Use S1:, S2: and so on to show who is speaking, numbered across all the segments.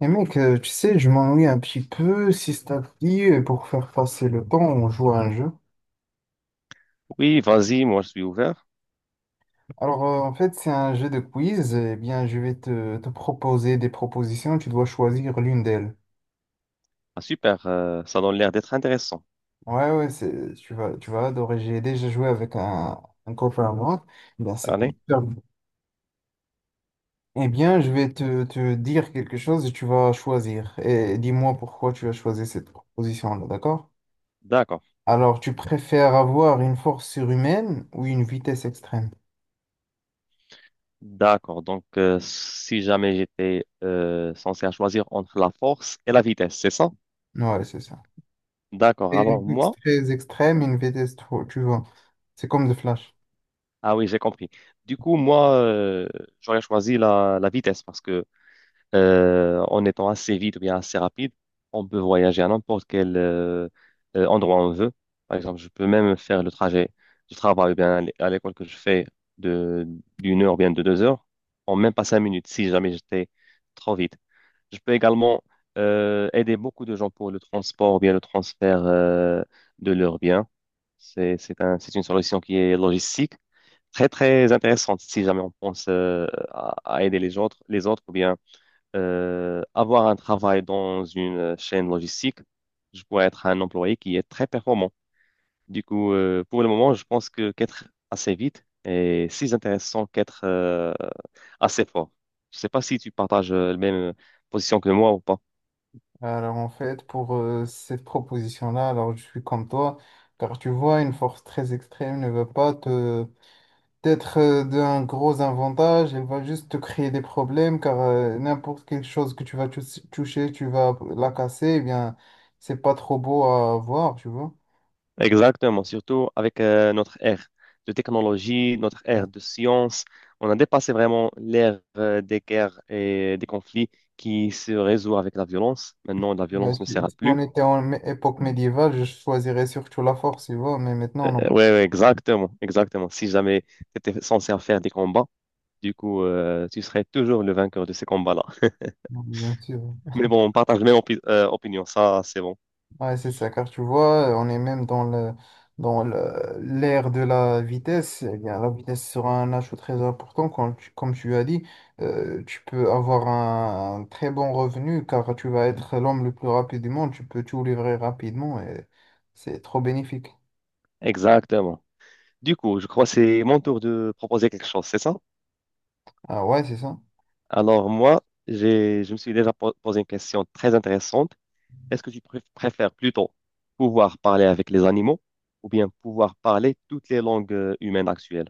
S1: Et mec, tu sais, je m'ennuie un petit peu. Si ça te dit, pour faire passer le temps, on joue à un jeu.
S2: Oui, vas-y, moi je suis ouvert.
S1: Alors, en fait, c'est un jeu de quiz. Eh bien, je vais te proposer des propositions. Tu dois choisir l'une d'elles.
S2: Ah, super, ça donne l'air d'être intéressant.
S1: Ouais, ouais, c'est, tu vas adorer. J'ai déjà joué avec un copain à moi. Eh bien, c'était
S2: Allez,
S1: hyper bon. Eh bien, je vais te dire quelque chose et tu vas choisir. Et dis-moi pourquoi tu as choisi cette proposition-là, d'accord?
S2: d'accord,
S1: Alors, tu préfères avoir une force surhumaine ou une vitesse extrême?
S2: d'accord. Donc, si jamais j'étais censé à choisir entre la force et la vitesse, c'est ça?
S1: Ouais, c'est ça.
S2: D'accord,
S1: C'est
S2: alors
S1: une course
S2: moi,
S1: très extrême, une vitesse trop, tu vois. C'est comme le Flash.
S2: ah oui, j'ai compris. Du coup, moi, j'aurais choisi la vitesse parce que en étant assez vite ou bien assez rapide, on peut voyager à n'importe quel endroit on veut. Par exemple, je peux même faire le trajet du travail ou bien à l'école que je fais de d'une heure ou bien de 2 heures en même pas 5 minutes si jamais j'étais trop vite. Je peux également aider beaucoup de gens pour le transport ou bien le transfert de leurs biens. C'est une solution qui est logistique, très, très intéressante si jamais on pense à aider les autres ou bien avoir un travail dans une chaîne logistique, je pourrais être un employé qui est très performant. Du coup, pour le moment, je pense que qu'être assez vite est si intéressant qu'être assez fort. Je ne sais pas si tu partages la même position que moi ou pas.
S1: Alors en fait, pour cette proposition-là, alors je suis comme toi, car tu vois, une force très extrême ne va pas te être d'un gros avantage, elle va juste te créer des problèmes, car n'importe quelle chose que tu vas toucher, tu vas la casser, eh bien, c'est pas trop beau à voir, tu vois.
S2: Exactement, surtout avec notre ère de technologie, notre
S1: Ouais.
S2: ère de science. On a dépassé vraiment l'ère des guerres et des conflits qui se résout avec la violence. Maintenant, la
S1: Ouais,
S2: violence ne sert
S1: si,
S2: à
S1: si on
S2: plus.
S1: était en époque médiévale, je choisirais surtout la force, tu vois, mais maintenant, non.
S2: Ouais, ouais, exactement, exactement. Si jamais tu étais censé faire des combats, du coup, tu serais toujours le vainqueur de ces combats-là.
S1: Non, bien sûr.
S2: Mais bon, on partage la même opinion, ça, c'est bon.
S1: Ouais, c'est ça, car tu vois, on est même dans l'ère de la vitesse. Eh bien, la vitesse sera un ajout très important. Comme tu as dit, tu peux avoir un très bon revenu car tu vas être l'homme le plus rapide du monde. Tu peux tout livrer rapidement et c'est trop bénéfique.
S2: Exactement. Du coup, je crois que c'est mon tour de proposer quelque chose, c'est ça?
S1: Ah ouais, c'est ça.
S2: Alors, moi, je me suis déjà posé une question très intéressante. Est-ce que tu préfères plutôt pouvoir parler avec les animaux ou bien pouvoir parler toutes les langues humaines actuelles?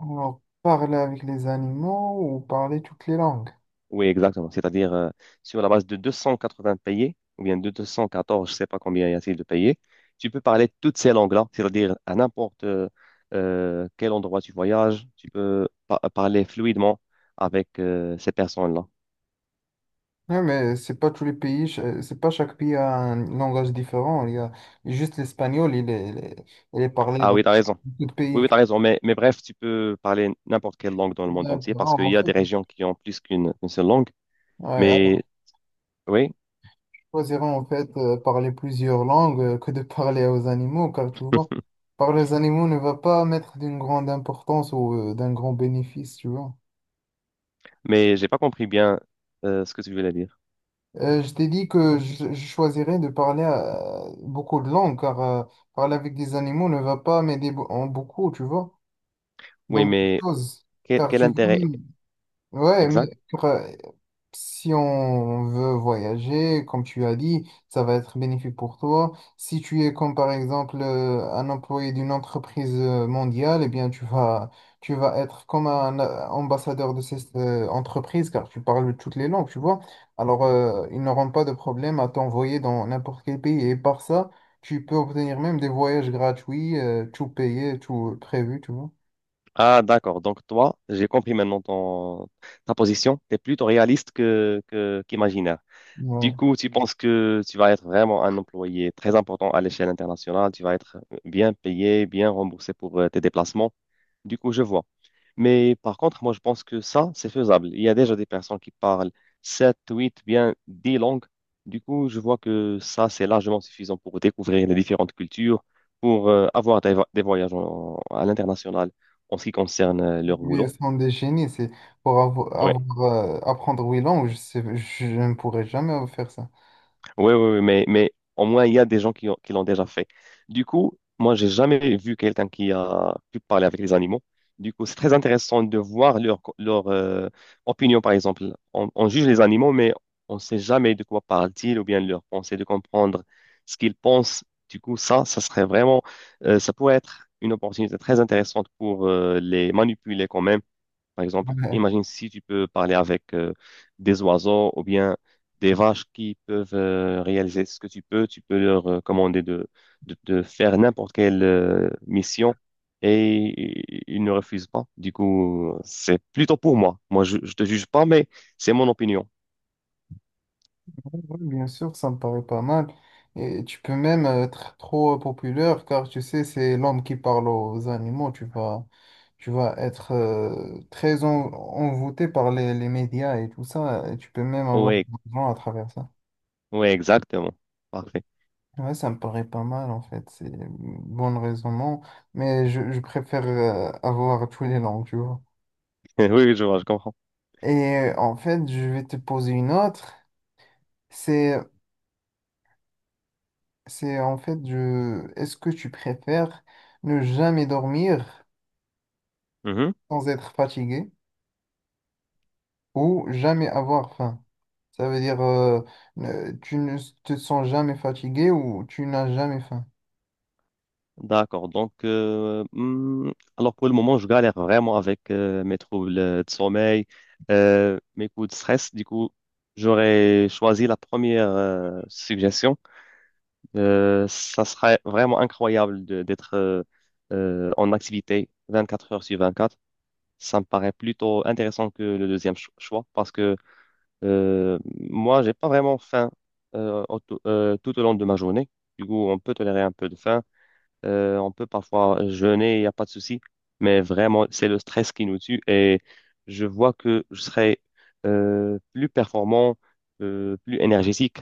S1: Alors, parler avec les animaux ou parler toutes les langues.
S2: Oui, exactement. C'est-à-dire, sur la base de 280 payés, ou bien de 214, je ne sais pas combien y a-t-il de payés, tu peux parler toutes ces langues-là, c'est-à-dire à n'importe quel endroit tu voyages, tu peux parler fluidement avec ces personnes-là.
S1: Ouais, mais c'est pas tous les pays, c'est pas chaque pays a un langage différent. Il y a juste l'espagnol, il est parlé
S2: Ah oui, tu as raison.
S1: d'autres
S2: Oui,
S1: pays.
S2: oui, tu as raison. Mais bref, tu peux parler n'importe quelle langue dans le monde entier parce
S1: D'accord,
S2: qu'il y
S1: en
S2: a des
S1: fait,
S2: régions qui ont plus qu'une une seule langue.
S1: ouais,
S2: Mais
S1: alors,
S2: oui,
S1: je choisirais en fait parler plusieurs langues que de parler aux animaux, car tu vois, parler aux animaux ne va pas mettre d'une grande importance ou d'un grand bénéfice, tu vois.
S2: mais j'ai pas compris bien ce que tu voulais dire.
S1: Je t'ai dit que je choisirais de parler beaucoup de langues, car parler avec des animaux ne va pas m'aider en beaucoup, tu vois, dans
S2: Oui,
S1: beaucoup de
S2: mais
S1: choses.
S2: quel,
S1: Car
S2: quel
S1: tu vois,
S2: intérêt?
S1: même... Ouais, mais
S2: Exact.
S1: pour, si on veut voyager, comme tu as dit, ça va être bénéfique pour toi. Si tu es comme par exemple un employé d'une entreprise mondiale, eh bien tu vas être comme un ambassadeur de cette entreprise car tu parles toutes les langues, tu vois. Alors ils n'auront pas de problème à t'envoyer dans n'importe quel pays et par ça, tu peux obtenir même des voyages gratuits, tout payé, tout prévu, tu vois.
S2: Ah, d'accord. Donc, toi, j'ai compris maintenant ton, ta position. Tu es plutôt réaliste qu'imaginaire.
S1: Ouais.
S2: Du coup, tu penses que tu vas être vraiment un employé très important à l'échelle internationale. Tu vas être bien payé, bien remboursé pour tes déplacements. Du coup, je vois. Mais par contre, moi, je pense que ça, c'est faisable. Il y a déjà des personnes qui parlent 7, 8, bien 10 langues. Du coup, je vois que ça, c'est largement suffisant pour découvrir les différentes cultures, pour avoir des voyages à l'international en ce qui concerne leur
S1: Mais
S2: boulot.
S1: Son déchaîné, c'est pour avoir, apprendre huit langues, je sais, je ne pourrais jamais faire ça.
S2: Oui, oui, oui, mais au moins, il y a des gens qui l'ont déjà fait. Du coup, moi, j'ai jamais vu quelqu'un qui a pu parler avec les animaux. Du coup, c'est très intéressant de voir leur opinion, par exemple. On juge les animaux, mais on ne sait jamais de quoi parlent-ils ou bien leur pensée, de comprendre ce qu'ils pensent. Du coup, ça serait vraiment, ça pourrait être une opportunité très intéressante pour les manipuler quand même. Par exemple,
S1: Ouais.
S2: imagine si tu peux parler avec des oiseaux ou bien des vaches qui peuvent réaliser ce que tu peux. Tu peux leur commander de faire n'importe quelle mission et ils ne refusent pas. Du coup, c'est plutôt pour moi. Moi, je te juge pas, mais c'est mon opinion.
S1: Ouais, ouais, bien sûr, ça me paraît pas mal. Et tu peux même être trop populaire, car tu sais, c'est l'homme qui parle aux animaux. Tu vas être très envoûté par les médias et tout ça. Et tu peux même avoir de
S2: Oui,
S1: l'argent à travers ça.
S2: oui, exactement. Parfait.
S1: Ouais, ça me paraît pas mal en fait, c'est bon raisonnement, mais je préfère avoir tous les langues, tu vois.
S2: Oui, je vois, je comprends.
S1: Et en fait, je vais te poser une autre. C'est, c'est en fait, je, est-ce que tu préfères ne jamais dormir
S2: Mhm.
S1: sans être fatigué ou jamais avoir faim? Ça veut dire, tu ne te sens jamais fatigué ou tu n'as jamais faim?
S2: D'accord. Donc, alors pour le moment, je galère vraiment avec mes troubles de sommeil, mes coups de stress. Du coup, j'aurais choisi la première suggestion. Ça serait vraiment incroyable d'être en activité 24 heures sur 24. Ça me paraît plutôt intéressant que le deuxième choix parce que moi, j'ai pas vraiment faim euh, au- tout au long de ma journée. Du coup, on peut tolérer un peu de faim. On peut parfois jeûner, il n'y a pas de souci, mais vraiment, c'est le stress qui nous tue et je vois que je serai plus performant, plus énergétique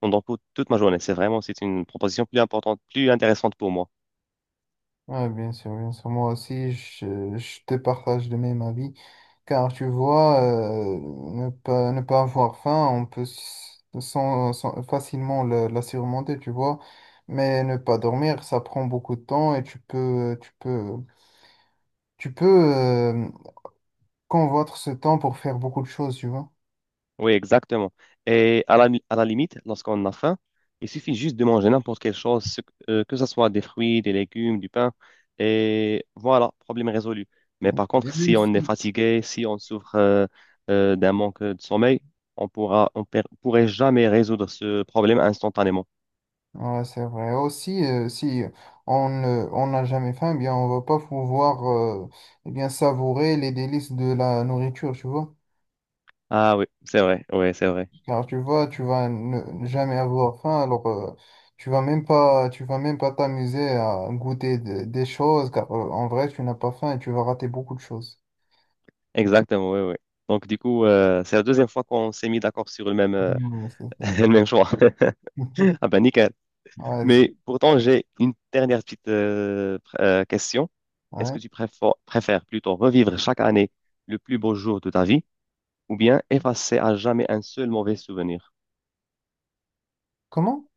S2: pendant toute ma journée. C'est vraiment, c'est une proposition plus importante, plus intéressante pour moi.
S1: Ouais, bien sûr, bien sûr. Moi aussi, je te partage le même avis. Car tu vois, ne pas avoir faim, on peut facilement la surmonter, tu vois. Mais ne pas dormir, ça prend beaucoup de temps et tu peux convoitre ce temps pour faire beaucoup de choses, tu vois.
S2: Oui, exactement. Et à la limite, lorsqu'on a faim, il suffit juste de manger n'importe quelle chose, que ce soit des fruits, des légumes, du pain, et voilà, problème résolu. Mais par contre,
S1: Et même
S2: si on est
S1: si,
S2: fatigué, si on souffre d'un manque de sommeil, on pourra, pourrait jamais résoudre ce problème instantanément.
S1: ouais, c'est vrai. Aussi, si on n'a jamais faim, eh bien, on va pas pouvoir eh bien, savourer les délices de la nourriture, tu vois.
S2: Ah oui, c'est vrai, oui, c'est vrai.
S1: Car tu vois, tu vas ne jamais avoir faim, alors tu vas même pas t'amuser à goûter des choses, car en vrai, tu n'as pas faim et tu vas rater beaucoup de choses.
S2: Exactement, oui, oui. Donc du coup, c'est la deuxième fois qu'on s'est mis d'accord sur le même,
S1: Hmm, c'est ça.
S2: le même choix. Ah ben nickel.
S1: Ouais,
S2: Mais pourtant, j'ai une dernière petite question. Est-ce
S1: ouais.
S2: que tu préfères plutôt revivre chaque année le plus beau jour de ta vie ou bien effacer à jamais un seul mauvais souvenir?
S1: Comment?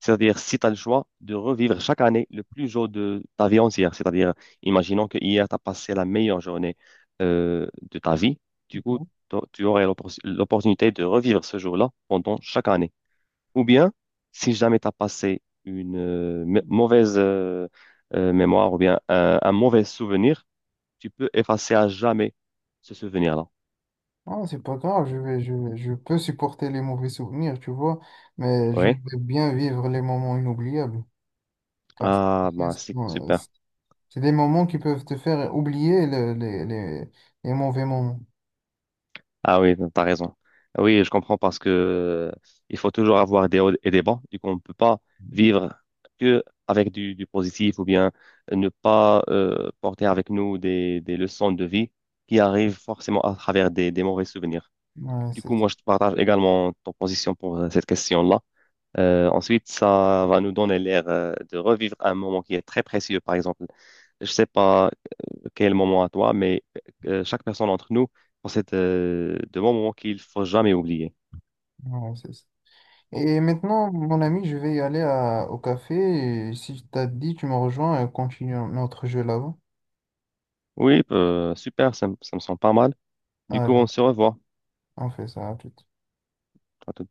S2: C'est-à-dire, si tu as le choix de revivre chaque année le plus jour de ta vie entière, c'est-à-dire, imaginons que hier, tu as passé la meilleure journée de ta vie, du coup, tu aurais l'opportunité de revivre ce jour-là pendant chaque année. Ou bien, si jamais tu as passé une mauvaise mémoire ou bien un mauvais souvenir, tu peux effacer à jamais ce souvenir-là.
S1: Non, c'est pas grave, je peux supporter les mauvais souvenirs, tu vois, mais
S2: Oui?
S1: j'aimerais bien vivre les moments inoubliables, car tu
S2: Ah,
S1: sais,
S2: bah
S1: ce
S2: c'est
S1: sont,
S2: super.
S1: c'est des moments qui peuvent te faire oublier les mauvais moments.
S2: Ah oui, t'as raison. Oui, je comprends parce que il faut toujours avoir des hauts et des bas. Du coup, on ne peut pas vivre que avec du positif ou bien ne pas porter avec nous des leçons de vie qui arrivent forcément à travers des mauvais souvenirs.
S1: Ouais,
S2: Du
S1: c'est
S2: coup,
S1: ça.
S2: moi, je te partage également ton position pour cette question-là. Ensuite, ça va nous donner l'air de revivre un moment qui est très précieux. Par exemple, je sais pas quel moment à toi, mais chaque personne d'entre nous possède de bons moments qu'il faut jamais oublier.
S1: Ouais, c'est ça. Et maintenant, mon ami, je vais y aller au café. Et si tu t'as dit, tu me rejoins et on continue notre jeu là-bas.
S2: Oui, super, ça, ça me semble pas mal. Du coup,
S1: Allez,
S2: on se revoit.
S1: on fait ça à tout.
S2: À tout